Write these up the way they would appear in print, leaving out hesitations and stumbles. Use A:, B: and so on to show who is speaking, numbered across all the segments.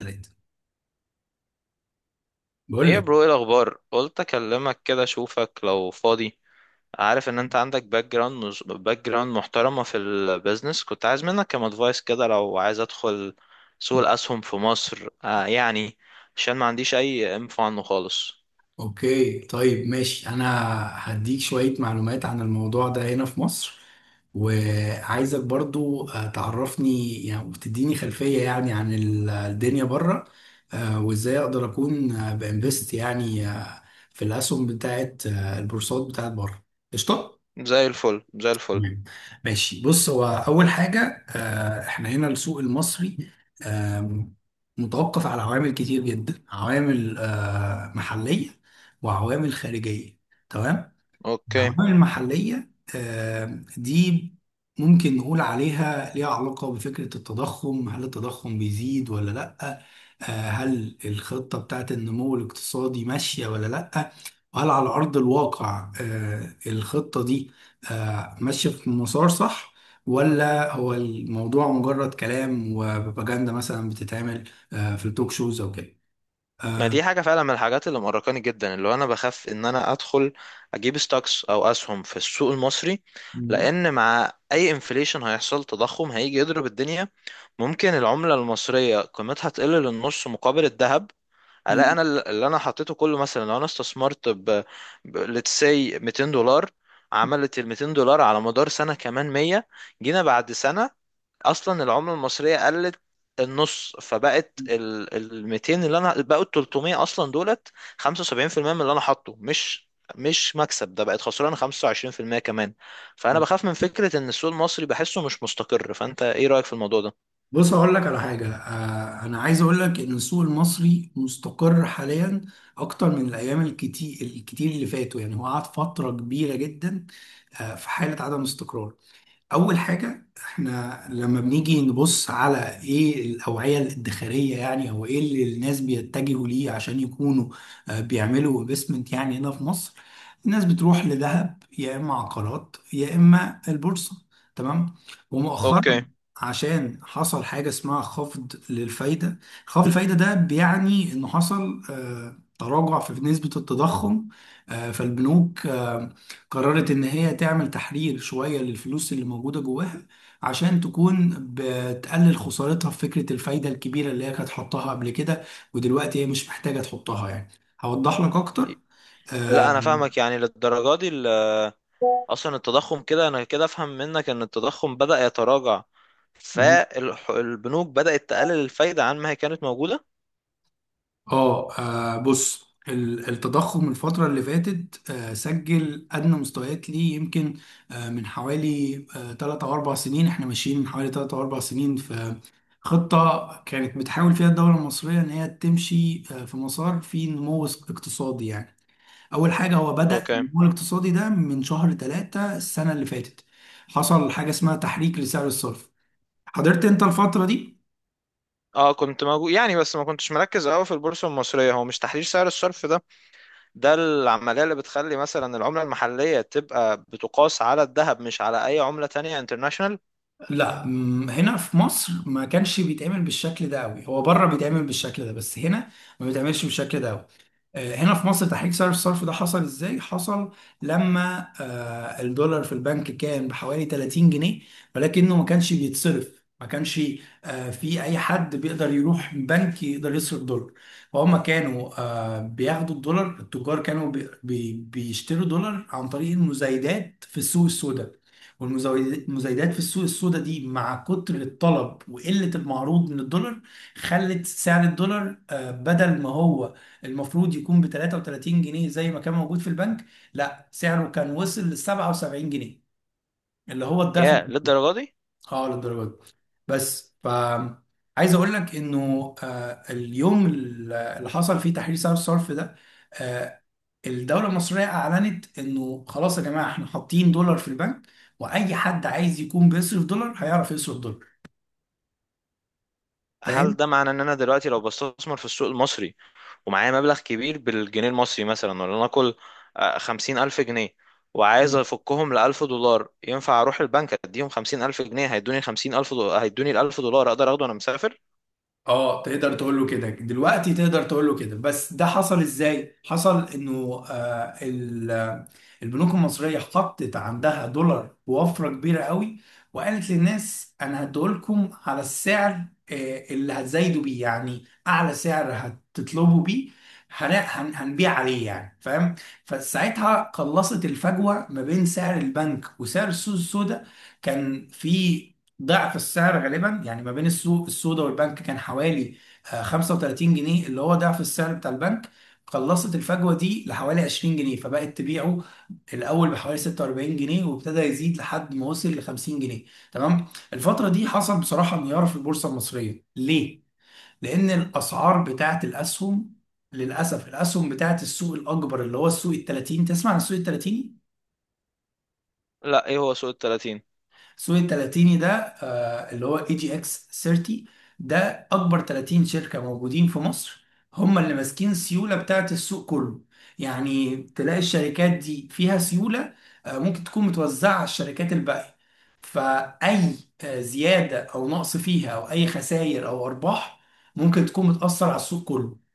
A: ثلاثة، بقول
B: ايه يا
A: لك.
B: برو، ايه الاخبار؟ قلت اكلمك كده اشوفك لو فاضي. عارف ان انت عندك باك جراوند محترمه في البيزنس. كنت عايز منك كام ادفايس كده لو عايز ادخل سوق الاسهم في مصر، يعني، عشان ما عنديش اي انفو عنه خالص.
A: اوكي طيب ماشي، انا هديك شوية معلومات عن الموضوع ده هنا في مصر، وعايزك برضو تعرفني يعني، وتديني خلفية يعني عن الدنيا بره، وازاي اقدر اكون بانفست يعني في الاسهم بتاعت البورصات بتاعت بره. قشطة.
B: زي الفل، زي الفل.
A: تمام ماشي. بص، هو اول حاجه احنا هنا السوق المصري آم، متوقف على عوامل كتير جدا، عوامل محليه وعوامل خارجيه. تمام.
B: اوكي.
A: العوامل المحلية دي ممكن نقول عليها ليها علاقة بفكرة التضخم. هل التضخم بيزيد ولا لأ؟ آه، هل الخطة بتاعت النمو الاقتصادي ماشية ولا لأ؟ وهل على أرض الواقع الخطة دي ماشية في مسار صح، ولا هو الموضوع مجرد كلام وبروباجندا مثلا بتتعمل في التوك شوز أو كده؟
B: ما دي حاجه فعلا من الحاجات اللي مقرقاني جدا، اللي هو انا بخاف ان انا ادخل اجيب ستوكس او اسهم في السوق المصري، لان مع اي انفليشن هيحصل تضخم هيجي يضرب الدنيا. ممكن العملة المصرية قيمتها تقل للنص مقابل الذهب، الاقي انا اللي انا حطيته كله. مثلا لو انا استثمرت ب let's say 200 دولار، عملت ال 200 دولار على مدار سنة كمان 100. جينا بعد سنة، اصلا العملة المصرية قلت النص، فبقت ال 200، اللي انا بقوا ال 300 اصلا دولت 75% من اللي انا حاطه، مش مكسب. ده بقت خسران 25% كمان. فانا بخاف من فكرة ان السوق المصري بحسه مش مستقر. فانت ايه رأيك في الموضوع ده؟
A: بص، هقول لك على حاجة. أنا عايز أقول لك إن السوق المصري مستقر حاليا أكتر من الأيام الكتير الكتير اللي فاتوا، يعني هو قعد فترة كبيرة جدا في حالة عدم استقرار. اول حاجه، احنا لما بنيجي نبص على ايه الاوعيه الادخاريه يعني، او ايه اللي الناس بيتجهوا ليه عشان يكونوا بيعملوا انفستمنت يعني هنا في مصر، الناس بتروح لذهب يا اما عقارات يا اما البورصه. تمام. ومؤخرا
B: اوكي.
A: عشان حصل حاجه اسمها خفض للفايده. خفض الفايده ده بيعني انه حصل تراجع في نسبه التضخم، فالبنوك قررت ان هي تعمل تحرير شوية للفلوس اللي موجودة جواها، عشان تكون بتقلل خسارتها في فكرة الفايدة الكبيرة اللي هي كانت حطها قبل كده، ودلوقتي هي مش محتاجة تحطها يعني. هوضح لك اكتر.
B: لا
A: آه،
B: انا فاهمك. يعني للدرجه دي اصلا التضخم، كده انا كده افهم منك ان التضخم بدأ يتراجع
A: واو.
B: فالبنوك بدأت تقلل الفايدة عن ما هي كانت موجودة.
A: اه، بص التضخم الفترة اللي فاتت سجل أدنى مستويات ليه، يمكن من حوالي تلات أو أربع سنين. احنا ماشيين من حوالي تلات أو أربع سنين في خطة كانت بتحاول فيها الدولة المصرية إن هي تمشي في مسار فيه نمو اقتصادي يعني. أول حاجة، هو بدأ
B: اوكي.
A: النمو الاقتصادي ده من شهر تلاتة السنة اللي فاتت. حصل حاجة اسمها تحريك لسعر الصرف. حضرت أنت الفترة دي؟
B: اه كنت موجود يعني، بس ما كنتش مركز قوي في البورصة المصرية. هو مش تحرير سعر الصرف ده، ده العملية اللي بتخلي مثلا العملة المحلية تبقى بتقاس على الذهب مش على اي عملة تانية انترناشونال؟
A: لا، هنا في مصر ما كانش بيتعمل بالشكل ده قوي، هو بره بيتعمل بالشكل ده، بس هنا ما بيتعملش بالشكل ده قوي. هنا في مصر تحريك سعر الصرف ده حصل ازاي؟ حصل لما الدولار في البنك كان بحوالي 30 جنيه، ولكنه ما كانش بيتصرف، ما كانش في اي حد بيقدر يروح بنك يقدر يصرف دولار. فهم كانوا بياخدوا الدولار، التجار كانوا بيشتروا دولار عن طريق المزايدات في السوق السوداء. والمزايدات في السوق السوداء دي مع كتر الطلب وقلة المعروض من الدولار خلت سعر الدولار بدل ما هو المفروض يكون ب 33 جنيه زي ما كان موجود في البنك، لا سعره كان وصل ل 77 جنيه، اللي هو الضعف.
B: يا للدرجة دي.
A: اه، للدرجه دي. بس ف عايز اقول لك انه اليوم اللي حصل فيه تحرير سعر الصرف ده، آه، الدولة المصرية أعلنت إنه خلاص يا جماعة، إحنا حاطين دولار في البنك، وأي حد عايز يكون بيصرف دولار هيعرف يصرف دولار. فاهم؟
B: هل ده معنى ان انا دلوقتي لو بستثمر في السوق المصري ومعايا مبلغ كبير بالجنيه المصري، مثلا ولا نقول 50,000 جنيه، وعايز أفكهم لـ 1000 دولار، ينفع أروح البنك أديهم 50,000 جنيه هيدوني 50,000 دولار، هيدوني الـ 1000 دولار أقدر أخده وأنا مسافر؟
A: اه، تقدر تقول له كده دلوقتي، تقدر تقول له كده. بس ده حصل ازاي؟ حصل انه البنوك المصريه حطت عندها دولار بوفره كبيره قوي، وقالت للناس انا هديهولكم على السعر اللي هتزايدوا بيه، يعني اعلى سعر هتطلبوا بيه هنبيع عليه يعني، فاهم؟ فساعتها قلصت الفجوه ما بين سعر البنك وسعر السوق السوداء. كان في ضعف السعر غالبا يعني، ما بين السوق السودا والبنك كان حوالي 35 جنيه، اللي هو ضعف السعر بتاع البنك. قلصت الفجوه دي لحوالي 20 جنيه، فبقت تبيعه الاول بحوالي 46 جنيه، وابتدى يزيد لحد ما وصل ل 50 جنيه. تمام. الفتره دي حصل بصراحه انهيار في البورصه المصريه، ليه؟ لان الاسعار بتاعه الاسهم، للاسف الاسهم بتاعه السوق الاكبر اللي هو السوق ال 30، تسمع عن السوق ال 30؟
B: لا، إيه هو سوق التلاتين؟
A: السوق التلاتيني ده اللي هو اي جي اكس 30، ده اكبر 30 شركة موجودين في مصر، هم اللي ماسكين السيولة بتاعت السوق كله. يعني تلاقي الشركات دي فيها سيولة ممكن تكون متوزعة على الشركات الباقية، فأي زيادة أو نقص فيها أو أي خسائر أو أرباح ممكن تكون بتأثر على السوق كله.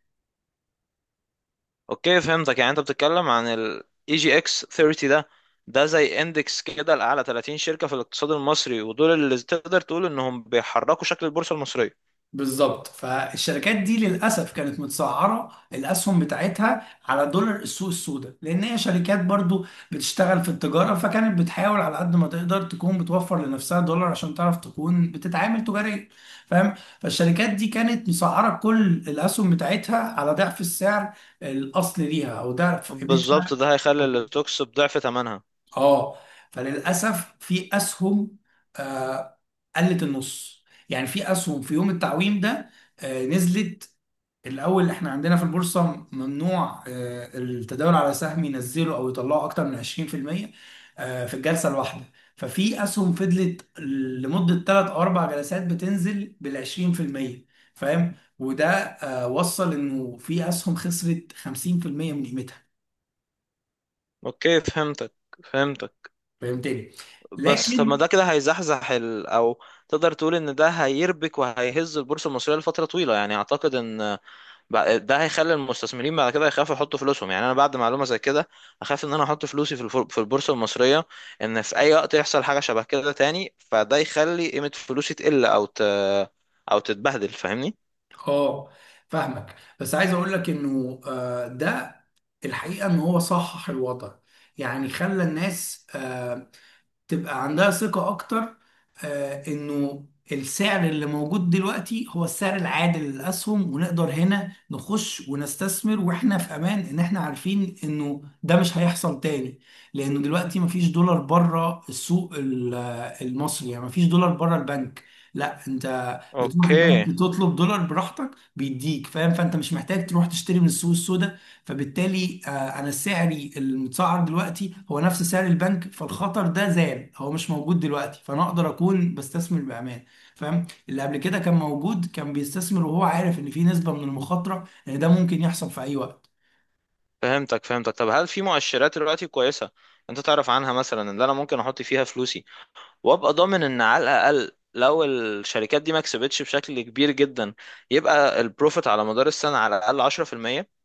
B: أوكي فهمتك. يعني أنت بتتكلم عن ال EGX 30 ده، ده زي اندكس كده لأعلى 30 شركة في الاقتصاد المصري، ودول اللي تقدر تقول إنهم بيحركوا شكل البورصة المصرية.
A: بالظبط. فالشركات دي للاسف كانت متسعره الاسهم بتاعتها على دولار السوق السوداء، لان هي شركات برضو بتشتغل في التجاره، فكانت بتحاول على قد ما تقدر تكون بتوفر لنفسها دولار عشان تعرف تكون بتتعامل تجاريا، فاهم؟ فالشركات دي كانت مسعره كل الاسهم بتاعتها على ضعف السعر الاصلي ليها او ضعف
B: بالظبط
A: قيمتها.
B: ده هيخلي الستوكس بضعف ثمنها.
A: اه. فللاسف في اسهم آه قلت النص يعني، في اسهم في يوم التعويم ده نزلت. الاول، احنا عندنا في البورصه ممنوع التداول على سهم ينزله او يطلعه اكتر من 20% في الجلسه الواحده. ففي اسهم فضلت لمده 3 او 4 جلسات بتنزل بال 20%، فاهم؟ وده وصل انه في اسهم خسرت 50% من قيمتها.
B: أوكي فهمتك، فهمتك.
A: فهمتني؟
B: بس طب
A: لكن
B: ما ده كده هيزحزح او تقدر تقول ان ده هيربك وهيهز البورصه المصريه لفتره طويله. يعني اعتقد ان ده هيخلي المستثمرين بعد كده يخافوا يحطوا فلوسهم. يعني انا بعد معلومه زي كده اخاف ان انا احط فلوسي في في البورصه المصريه، ان في اي وقت يحصل حاجه شبه كده تاني، فده يخلي قيمه فلوسي تقل او او تتبهدل. فاهمني؟
A: اه، فاهمك، بس عايز اقول لك انه ده الحقيقه ان هو صحح الوضع، يعني خلى الناس تبقى عندها ثقة أكتر. إنه السعر اللي موجود دلوقتي هو السعر العادل للأسهم، ونقدر هنا نخش ونستثمر وإحنا في أمان، إن إحنا عارفين إنه ده مش هيحصل تاني. لأنه دلوقتي مفيش دولار بره السوق المصري، يعني مفيش دولار بره البنك. لا، انت بتروح البنك
B: اوكي
A: تطلب دولار براحتك بيديك، فاهم؟ فانت مش محتاج تروح تشتري من السوق السوداء. فبالتالي انا سعري المتسعر دلوقتي هو نفس سعر البنك، فالخطر ده زال، هو مش موجود دلوقتي، فانا اقدر اكون بستثمر بامان. فاهم؟ اللي قبل كده كان موجود كان بيستثمر وهو عارف ان في نسبة من المخاطرة ان ده ممكن يحصل في اي وقت.
B: فهمتك، فهمتك. طب هل في مؤشرات دلوقتي كويسه انت تعرف عنها، مثلا ان انا ممكن احط فيها فلوسي وابقى ضامن ان على الاقل لو الشركات دي ما كسبتش بشكل كبير جدا، يبقى البروفيت على مدار السنه على الاقل 10%؟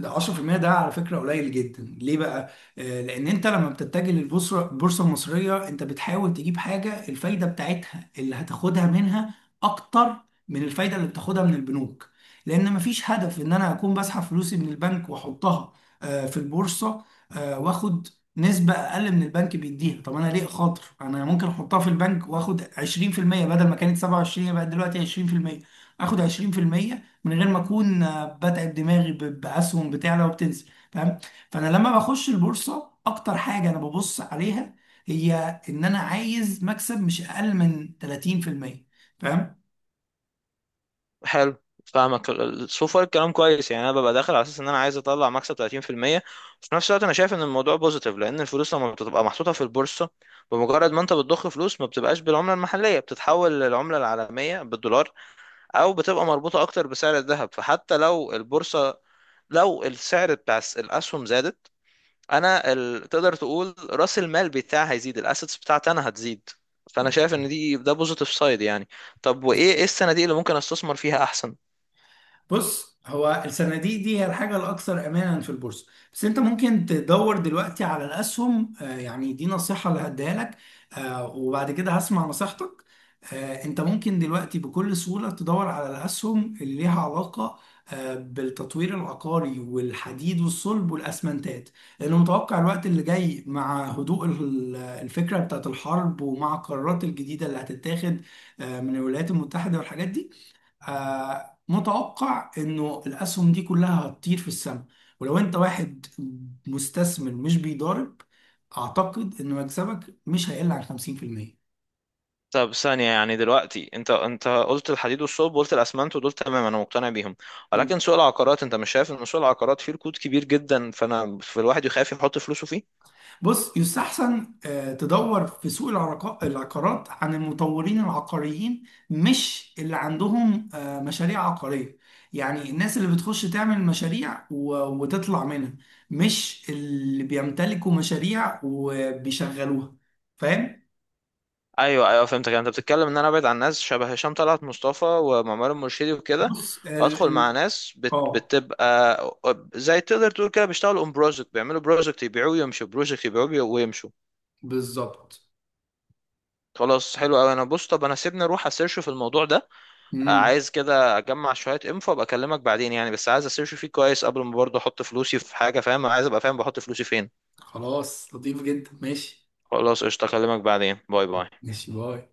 A: ده 10% ده على فكرة قليل جدا. ليه بقى؟ لأن أنت لما بتتجه للبورصة، البورصة المصرية، أنت بتحاول تجيب حاجة الفايدة بتاعتها اللي هتاخدها منها أكتر من الفايدة اللي بتاخدها من البنوك. لأن مفيش هدف إن أنا أكون بسحب فلوسي من البنك وأحطها في البورصة وآخد نسبة أقل من البنك بيديها. طب أنا ليه خاطر؟ أنا ممكن أحطها في البنك وآخد 20% بدل ما كانت 27، بقت دلوقتي 20%. آخد 20% من غير ما اكون بتعب دماغي باسهم بتعلى وبتنزل، فاهم؟ فانا لما بخش البورصه، اكتر حاجه انا ببص عليها هي ان انا عايز مكسب مش اقل من 30%، فاهم؟
B: حلو، فاهمك. سو فار الكلام كويس. يعني انا ببقى داخل على اساس ان انا عايز اطلع مكسب 30%. وفي نفس الوقت انا شايف ان الموضوع بوزيتيف، لان الفلوس لما بتبقى محطوطه في البورصه، بمجرد ما انت بتضخ فلوس، ما بتبقاش بالعمله المحليه، بتتحول للعمله العالميه بالدولار، او بتبقى مربوطه اكتر بسعر الذهب. فحتى لو البورصه، لو السعر بتاع الاسهم زادت، انا تقدر تقول راس المال بتاعي هيزيد، الاسيتس بتاعتي انا هتزيد. فانا شايف ان ده بوزيتيف سايد يعني. طب وايه، ايه الصناديق اللي ممكن استثمر فيها احسن؟
A: بص، هو الصناديق دي هي الحاجة الأكثر أمانا في البورصة، بس أنت ممكن تدور دلوقتي على الأسهم. يعني دي نصيحة اللي هديها لك، وبعد كده هسمع نصيحتك. أنت ممكن دلوقتي بكل سهولة تدور على الأسهم اللي ليها علاقة بالتطوير العقاري والحديد والصلب والأسمنتات، لأنه متوقع الوقت اللي جاي مع هدوء الفكرة بتاعت الحرب، ومع القرارات الجديدة اللي هتتاخد من الولايات المتحدة والحاجات دي، متوقع انه الاسهم دي كلها هتطير في السماء. ولو انت واحد مستثمر مش بيضارب، اعتقد ان مكسبك مش هيقل عن 50%.
B: طب ثانية، يعني دلوقتي انت قلت الحديد والصلب وقلت الاسمنت، ودول تمام انا مقتنع بيهم. ولكن سوق العقارات، انت مش شايف ان سوق العقارات فيه ركود كبير جدا فانا في الواحد يخاف يحط فلوسه فيه؟
A: بص، يستحسن تدور في سوق العقارات عن المطورين العقاريين، مش اللي عندهم مشاريع عقارية. يعني الناس اللي بتخش تعمل مشاريع وتطلع منها، مش اللي بيمتلكوا مشاريع وبيشغلوها، فاهم؟
B: ايوه ايوه فهمتك. يعني انت بتتكلم ان انا ابعد عن ناس شبه هشام طلعت مصطفى ومعمر المرشدي وكده،
A: بص ال
B: وادخل مع
A: ال
B: ناس
A: اه،
B: بتبقى زي، تقدر تقول كده، بيشتغلوا اون بروجكت. بيعملوا بروجكت يبيعوه ويمشوا، بروجكت يبيعوه ويمشوا.
A: بالظبط.
B: خلاص حلو قوي. انا بص، طب انا سيبني اروح اسيرش في الموضوع ده.
A: امم.
B: عايز كده اجمع شويه انفو، ابقى اكلمك بعدين يعني. بس عايز اسيرش فيه كويس قبل ما برضه احط فلوسي في حاجه، فاهم، عايز ابقى فاهم بحط فلوسي فين.
A: خلاص لطيف جدا. ماشي.
B: خلاص قشطه، اكلمك بعدين. باي باي.
A: ماشي، باي.